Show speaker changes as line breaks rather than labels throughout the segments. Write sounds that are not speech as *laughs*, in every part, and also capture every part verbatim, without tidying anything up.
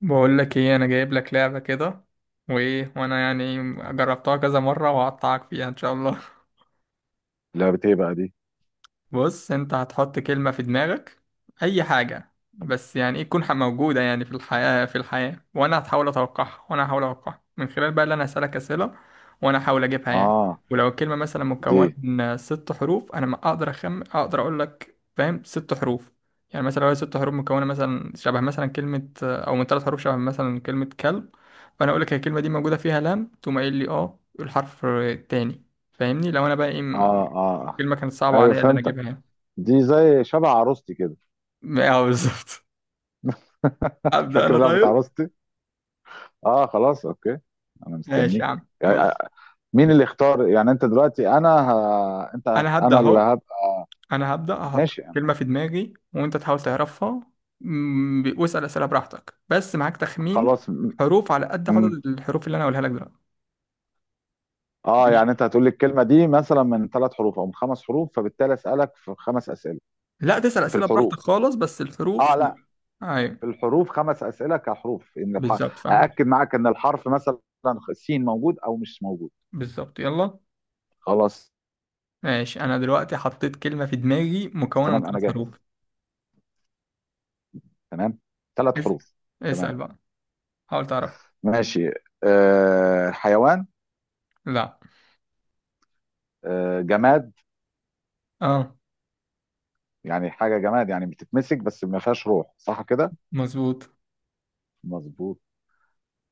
بقول لك ايه، انا جايب لك لعبة كده. وايه وانا يعني جربتها كذا مرة، وهقطعك فيها ان شاء الله.
لعبة ايه بقى دي؟
بص، انت هتحط كلمة في دماغك، اي حاجة، بس يعني ايه تكون ح- موجودة يعني في الحياة في الحياة. وانا هتحاول اتوقعها وانا هحاول اتوقعها من خلال بقى اللي انا هسألك اسئلة، وانا هحاول اجيبها يعني.
اه
ولو الكلمة مثلا
دي.
مكونة من ست حروف، انا ما اقدر اخم اقدر اقول لك فاهم، ست حروف. يعني مثلا لو هي ست حروف مكونة مثلا شبه مثلا كلمة، او من ثلاث حروف شبه مثلا كلمة كلب، فانا اقول لك هي الكلمة دي موجودة فيها لام، تقوم قايل لي اه الحرف التاني. فاهمني؟ لو انا بقى ايه
اه
م-
اه آه.
الكلمة كانت صعبة
ايوه،
عليا ان انا
فهمتك.
اجيبها يعني.
دي زي شبه عروستي كده.
اه بالظبط.
*laughs*
ابدا
فاكر
انا
لعبة
طيب.
عروستي؟ اه خلاص، اوكي. انا
ماشي يا
مستنيك.
عم،
آه،
بص.
مين اللي اختار؟ يعني انت دلوقتي؟ انا ه... انت هت...
انا هبدا
انا اللي
اهو.
هبقى.
انا هبدا احط
ماشي يعني.
كلمه في دماغي وانت تحاول تعرفها. مم، ب- واسال اسئله براحتك، بس معاك تخمين
خلاص م...
حروف على قد عدد
م...
الحروف اللي انا هقولها لك دلوقتي.
اه
ماشي.
يعني انت هتقول لي الكلمة دي مثلا من ثلاث حروف او من خمس حروف، فبالتالي اسألك في خمس اسئلة
لا، تسال
في
اسئله براحتك
الحروف.
خالص، بس
اه
الحروف لا.
لا،
ايوه
في الحروف خمس اسئلة كحروف. ان الح...
بالظبط، فاهم.
ااكد معاك ان الحرف مثلا سين موجود او مش موجود.
بالظبط، يلا.
خلاص.
ماشي، انا دلوقتي حطيت كلمه في دماغي مكونه من
تمام انا
ثلاث
جاهز.
حروف.
تمام، ثلاث
اسال.
حروف.
اسال
تمام.
بقى. حاول تعرف.
ماشي. أه، حيوان؟
لا.
أه، جماد؟
اه.
يعني حاجه جماد يعني بتتمسك بس ما فيهاش روح، صح كده؟
مظبوط.
مظبوط.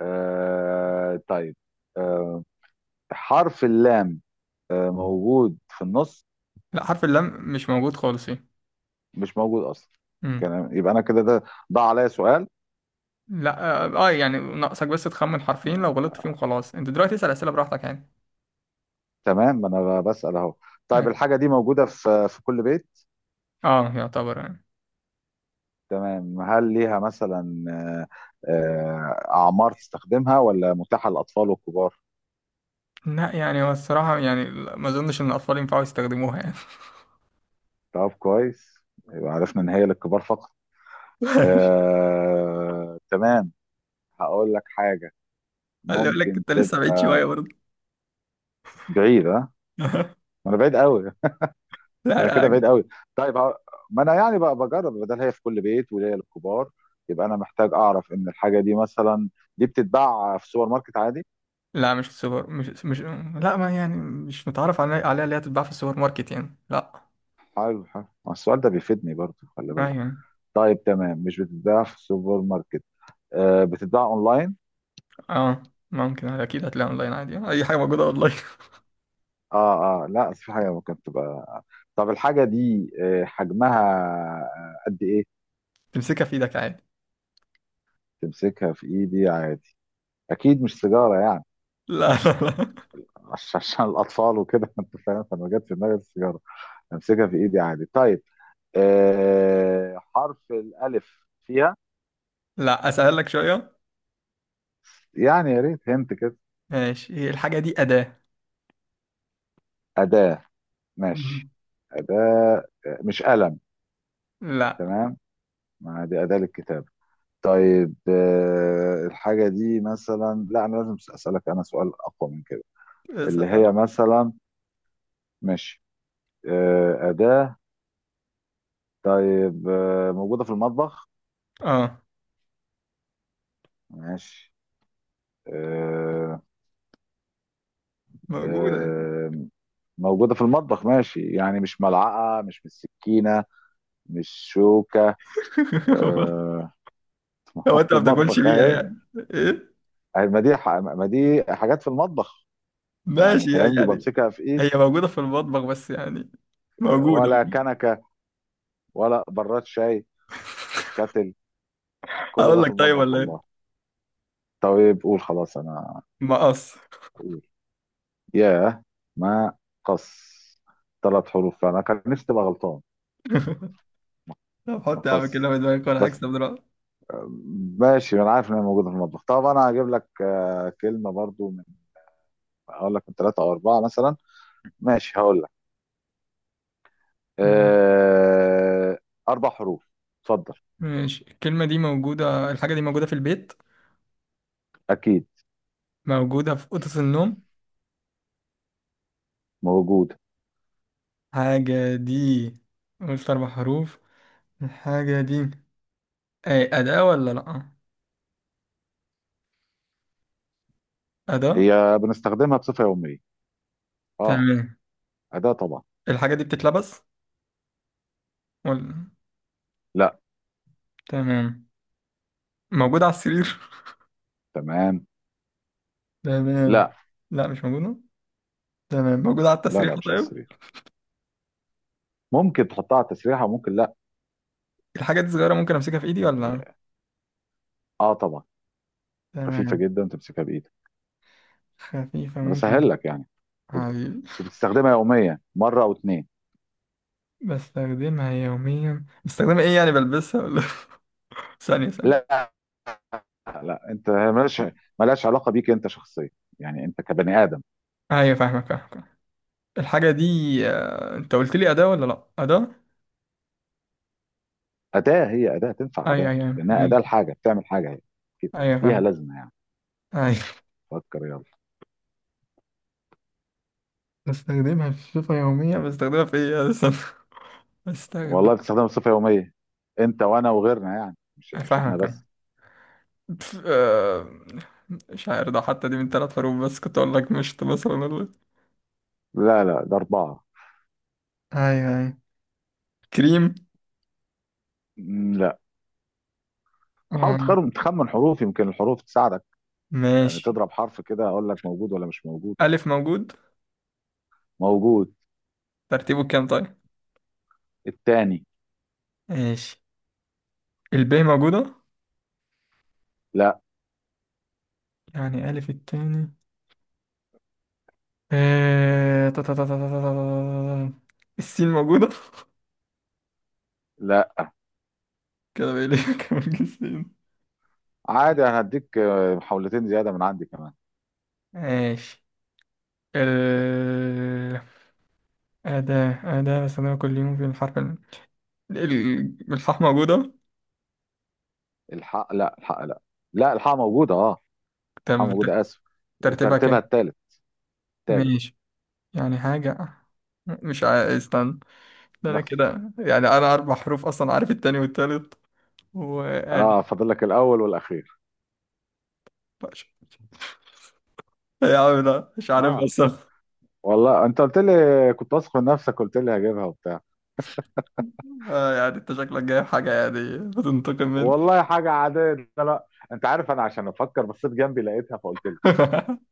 أه طيب. أه، حرف اللام أه موجود في النص؟
لا، حرف اللام مش موجود خالص هنا.
مش موجود اصلا.
امم
كلام- يبقى انا كده ده ضاع عليا سؤال.
لا. اه آه، يعني ناقصك بس تخمن حرفين، لو غلطت
آه،
فيهم خلاص. انت دلوقتي اسأل اسئلة براحتك يعني.
تمام، ما انا بسأل اهو.
اه.
طيب، الحاجه دي موجوده في في كل بيت؟
آه، يعتبر يعني.
تمام. هل ليها مثلا آه، آه، أعمار تستخدمها، ولا متاحة للأطفال والكبار؟
لا يعني هو الصراحة يعني لا، ما اظنش ان الاطفال ينفعوا يستخدموها يعني.
طب كويس، يبقى عرفنا إن هي للكبار فقط.
*laughs*
آه، تمام. هقول لك حاجة
اللي يقول لك
ممكن
انت لسه
تبقى
بعيد شوية برضه.
بعيدة ما.
*laughs*
أنا بعيد قوي.
لا
أنا كده بعيد
لا.
قوي. طيب ه- ما أنا يعني بقى بجرب، بدل هي في كل بيت وليا للكبار، يبقى أنا محتاج أعرف إن الحاجة دي مثلا دي بتتباع في سوبر ماركت عادي؟
لا، مش السوبر مش مش لا. ما يعني مش متعرف علي- عليها اللي هي تتباع في السوبر ماركت يعني لا.
حلو حلو، ما السؤال ده بيفيدني برضه، خلي بالك.
ايوه يعني.
طيب تمام، مش بتتباع في السوبر ماركت. آه، بتتباع اونلاين.
اه ممكن، اكيد هتلاقيها اونلاين عادي، اي حاجة موجودة اونلاين.
اه اه لا، في حاجه ممكن تبقى. طب الحاجه دي آه، حجمها آه، قد ايه؟
*laughs* تمسكها في ايدك عادي.
تمسكها في ايدي عادي. اكيد مش سيجاره يعني.
لا لا لا
عش- عشان الاطفال وكده *laughs* انت فاهم، فما جت في دماغي السيجاره. امسكها في ايدي عادي. طيب آه، حرف الالف فيها؟
لا، اسهل لك شوية.
يعني يا ريت هنت كده.
ماشي، هي الحاجة دي أداة.
اداه. ماشي.
مم.
اداه. آه، مش قلم.
لا.
تمام، ما دي اداه للكتابه. طيب آه، الحاجة دي مثلا، لا أنا لازم أسألك أنا سؤال أقوى من كده،
بس-
اللي هي مثلا. ماشي. آه، أداة. طيب آه، موجودة في المطبخ.
اه
ماشي. آه،
موجودة يعني.
آه، موجودة في المطبخ، ماشي يعني مش ملعقة، مش مش سكينة، مش شوكة.
*laughs*
آه، *laughs* ما
هو
هو
انت
في
ما بتاكلش
المطبح
بيها
أهي.
يعني؟ ايه
أهي، ما دي ح- ما دي حاجات في المطبخ، يعني
ماشي
فاهمني
يعني.
وبمسكها في إيدي.
هي موجودة في المطبخ بس يعني، موجودة.
ولا كنكة، ولا براد شاي، كاتل.
*laughs*
كل
هقول
ده في
لك طيب،
المطبخ
ولا ايه.
والله. طيب قول خلاص، انا
مقص.
اقول. ياه، ما قص ثلاث حروف، فانا كان نفسي تبقى غلطان.
*laughs* طب
ما
حط يا عم كده
قص
في دماغك وانا
بس.
هكسب دلوقتي.
آه، ماشي، انا عارف ان هي موجوده في المطبخ. طب انا هجيب لك آه، كلمه برضو من، اقول لك من ثلاثه او اربعه مثلا. ماشي هقول لك.
مم.
آه، اربع حروف. اتفضل.
ماشي. الكلمة دي موجودة الحاجة دي موجودة في البيت؟
اكيد
موجودة في أوضة النوم؟
موجوده.
حاجة دي، قلت أربع حروف. الحاجة دي أي أداة ولا لأ؟ أداة.
هي بنستخدمها بصفه يوميه. اه،
تمام.
اداه طبعا.
الحاجة دي بتتلبس ولا؟
لا.
تمام. موجود على السرير؟
تمام.
تمام.
لا،
لا مش موجودة. تمام، موجود على
لا، لا،
التسريحة
مش على
طيب.
السرير. ممكن تحطها على التسريحه وممكن.
الحاجة دي صغيرة ممكن أمسكها في إيدي ولا؟
لا، اه طبعا. خفيفه
تمام.
جدا وتمسكها بايدك.
خفيفة
انا
ممكن.
بسهل لك يعني. وب-
حبيبي.
وبتستخدمها يوميا مره او اتنين.
بستخدمها يوميا، بستخدمها إيه يعني، بلبسها ولا؟ *laughs* ثانية ثانية.
لا، لا، انت مالهاش، مالهاش علاقه بيك انت شخصيا. يعني انت كبني ادم.
أيوة فاهمك فاهمك. الحاجة دي، آه، أنت قلت لي أداة ولا لأ؟ أداة.
اداه. هي اداه، تنفع
أيوة
اداه
أيوة
لانها اداه
ماشي.
لحاجه، بتعمل حاجه هي كده.
أيوة
ليها
فاهم.
لازمه يعني.
أيوة.
فكر يلا.
بستخدمها في صفة يومية، بستخدمها في إيه يا أستاذ؟ *laughs* بستخدم.
والله بتستخدمها بصفه يوميه، انت وانا وغيرنا، يعني مش مش احنا
فاهمك أنا.
بس.
ف- آه، مش عارف، ده حتى دي من ثلاث حروف؟ بس كنت اقول لك مشط مثلا، ولا؟
لا لا، ده اربعه.
ايوه ايوه. كريم.
مم، لا. حاول
أم،
تخرم تخمن حروف، يمكن الحروف تساعدك. يعني
ماشي.
تضرب حرف كده، اقول لك موجود ولا مش موجود.
ألف موجود؟
موجود.
ترتيبه كام طيب؟
التاني.
ماشي. الب موجودة؟
لا.
يعني ألف التاني. آه، تا- تا- تا- تا- تا- تا- تا- السين موجودة؟ *laughs*
لا.
كده بقى لي كام السين؟
عادي، انا هديك آه، محاولتين زياده من عندي كمان.
ماشي. ال. أداة أداة بستخدمها كل يوم، في الحرف ال... ال- الحاء موجودة؟
الحق لا الحق لا لا، الحق موجوده اه.
طب
الحق موجوده، اسف.
ترتيبها
وترتيبها
كام؟
التالت. التالت.
ماشي. يعني حاجة، مش عايز استنى، ده انا
لا.
كده يعني انا اربع حروف اصلا عارف التاني والتالت. وادي
اه، فاضل لك الاول والاخير.
يا عم، لا مش عارف
اه،
بس.
والله انت قلت لي، كنت واثق من نفسك قلت لي هجيبها وبتاع.
آه، يعني انت شكلك جايب حاجة يعني بتنتقم مني.
والله حاجه عاديه ده، لا انت عارف انا عشان افكر بصيت جنبي لقيتها فقلت لي.
*laughs*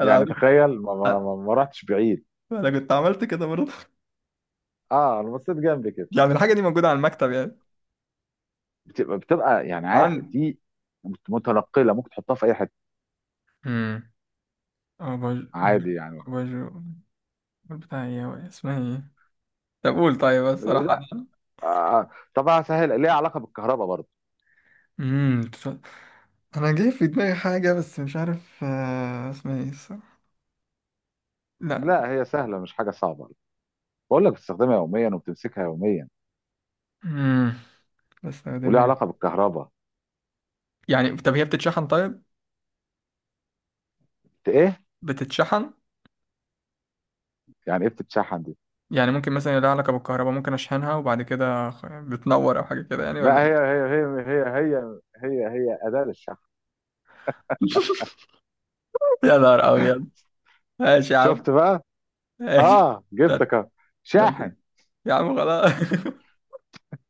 انا
يعني
عملت،
تخيل ما, ما, ما, ما رحتش بعيد.
انا كنت عملت كده برضه.
اه، انا بصيت جنبي كده.
يعني الحاجة دي موجودة على المكتب يعني؟
بتبقى بتبقى يعني عا-
عندي.
دي متنقله، ممكن تحطها في اي حته
امم أباج...
عادي يعني.
أباجو. بتاع ايه هو، اسمها ايه؟ طب قول طيب، الصراحة انا.
آه، طب هسهل، ليها علاقه بالكهرباء برضه.
امم انا جاي في دماغي حاجة، بس مش عارف آه، اسمها ايه الصراحة. لا.
لا هي سهله، مش حاجه صعبه. بقول لك بتستخدمها يوميا وبتمسكها يوميا
امم
وليها
بستخدمها
علاقه بالكهرباء.
يعني. طب هي بتتشحن طيب؟
بت- ايه؟
بتتشحن.
يعني ايه بتتشحن دي؟
يعني ممكن مثلا لها علاقة بالكهرباء، ممكن أشحنها وبعد كده خ- بتنور، أو حاجة كده يعني،
لا،
ولا
هي
إيه؟
هي هي هي هي هي هي اداه للشحن.
*laughs* يا نهار أبيض. ماشي يا
شفت
عم.
بقى.
ماشي.
اه،
ده
جبتك أهو.
ده ده-
شاحن.
يا عم خلاص. *laughs*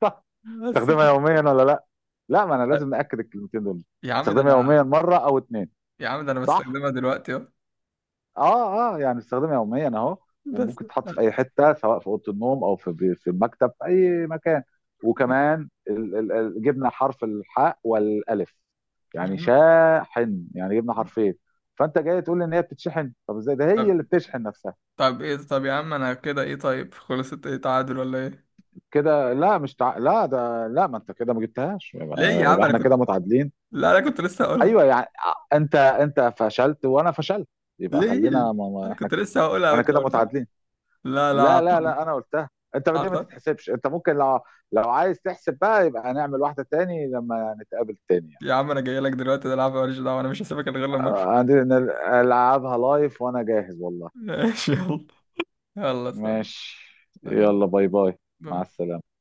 صح.
بس.
تستخدمها يوميا ولا لا؟ لا ما انا لازم ناكد الكلمتين دول.
يا عم ده
تستخدمها يوميا
أنا.
مره او اتنين.
يا عم ده أنا
صح.
بستخدمها دلوقتي أهو.
اه اه، يعني بستخدمها يوميا اهو.
بس.
وممكن تتحط في اي حته، سواء في اوضه النوم او في في المكتب، في اي مكان. وكمان ال- ال- ال- جبنا حرف الحاء والالف،
يا
يعني
عم
شاحن، يعني جبنا حرفين. فانت جاي تقول لي ان هي بتتشحن؟ طب ازاي ده، هي
طب
اللي بتشحن نفسها؟
طب إيه، طب يا عم أنا كده إيه، طيب خلصت إيه، تعادل ولا إيه؟
كده لا، مش تع... لا ده لا. ما انت كده ما جبتهاش،
ليه يا
يبقى,
عم،
يبقى
أنا
احنا
كنت،
كده متعادلين.
لا أنا كنت لسه هقولها.
ايوه يعني. انت انت فشلت وانا فشلت، يبقى
ليه؟
خلينا ما... ما...
انا
احنا،
كنت لسه هقولها
احنا
وانت
كده
قلتها.
متعادلين.
لا لا
لا لا
عطل.
لا، انا قلتها انت، دي ما
عطل.
تتحسبش انت. ممكن لو، لو عايز تحسب بقى، يبقى هنعمل واحده تاني لما نتقابل تاني.
يا عم انا جاي لك دلوقتي ده العب، ماليش دعوه، انا مش هسيبك إلا غير لما اكل.
آه، عندي نل- العبها لايف وانا جاهز والله.
*laughs* ماشي، يلا. يلا سلام.
ماشي.
سلام.
يلا باي باي. مع
باي.
السلامه.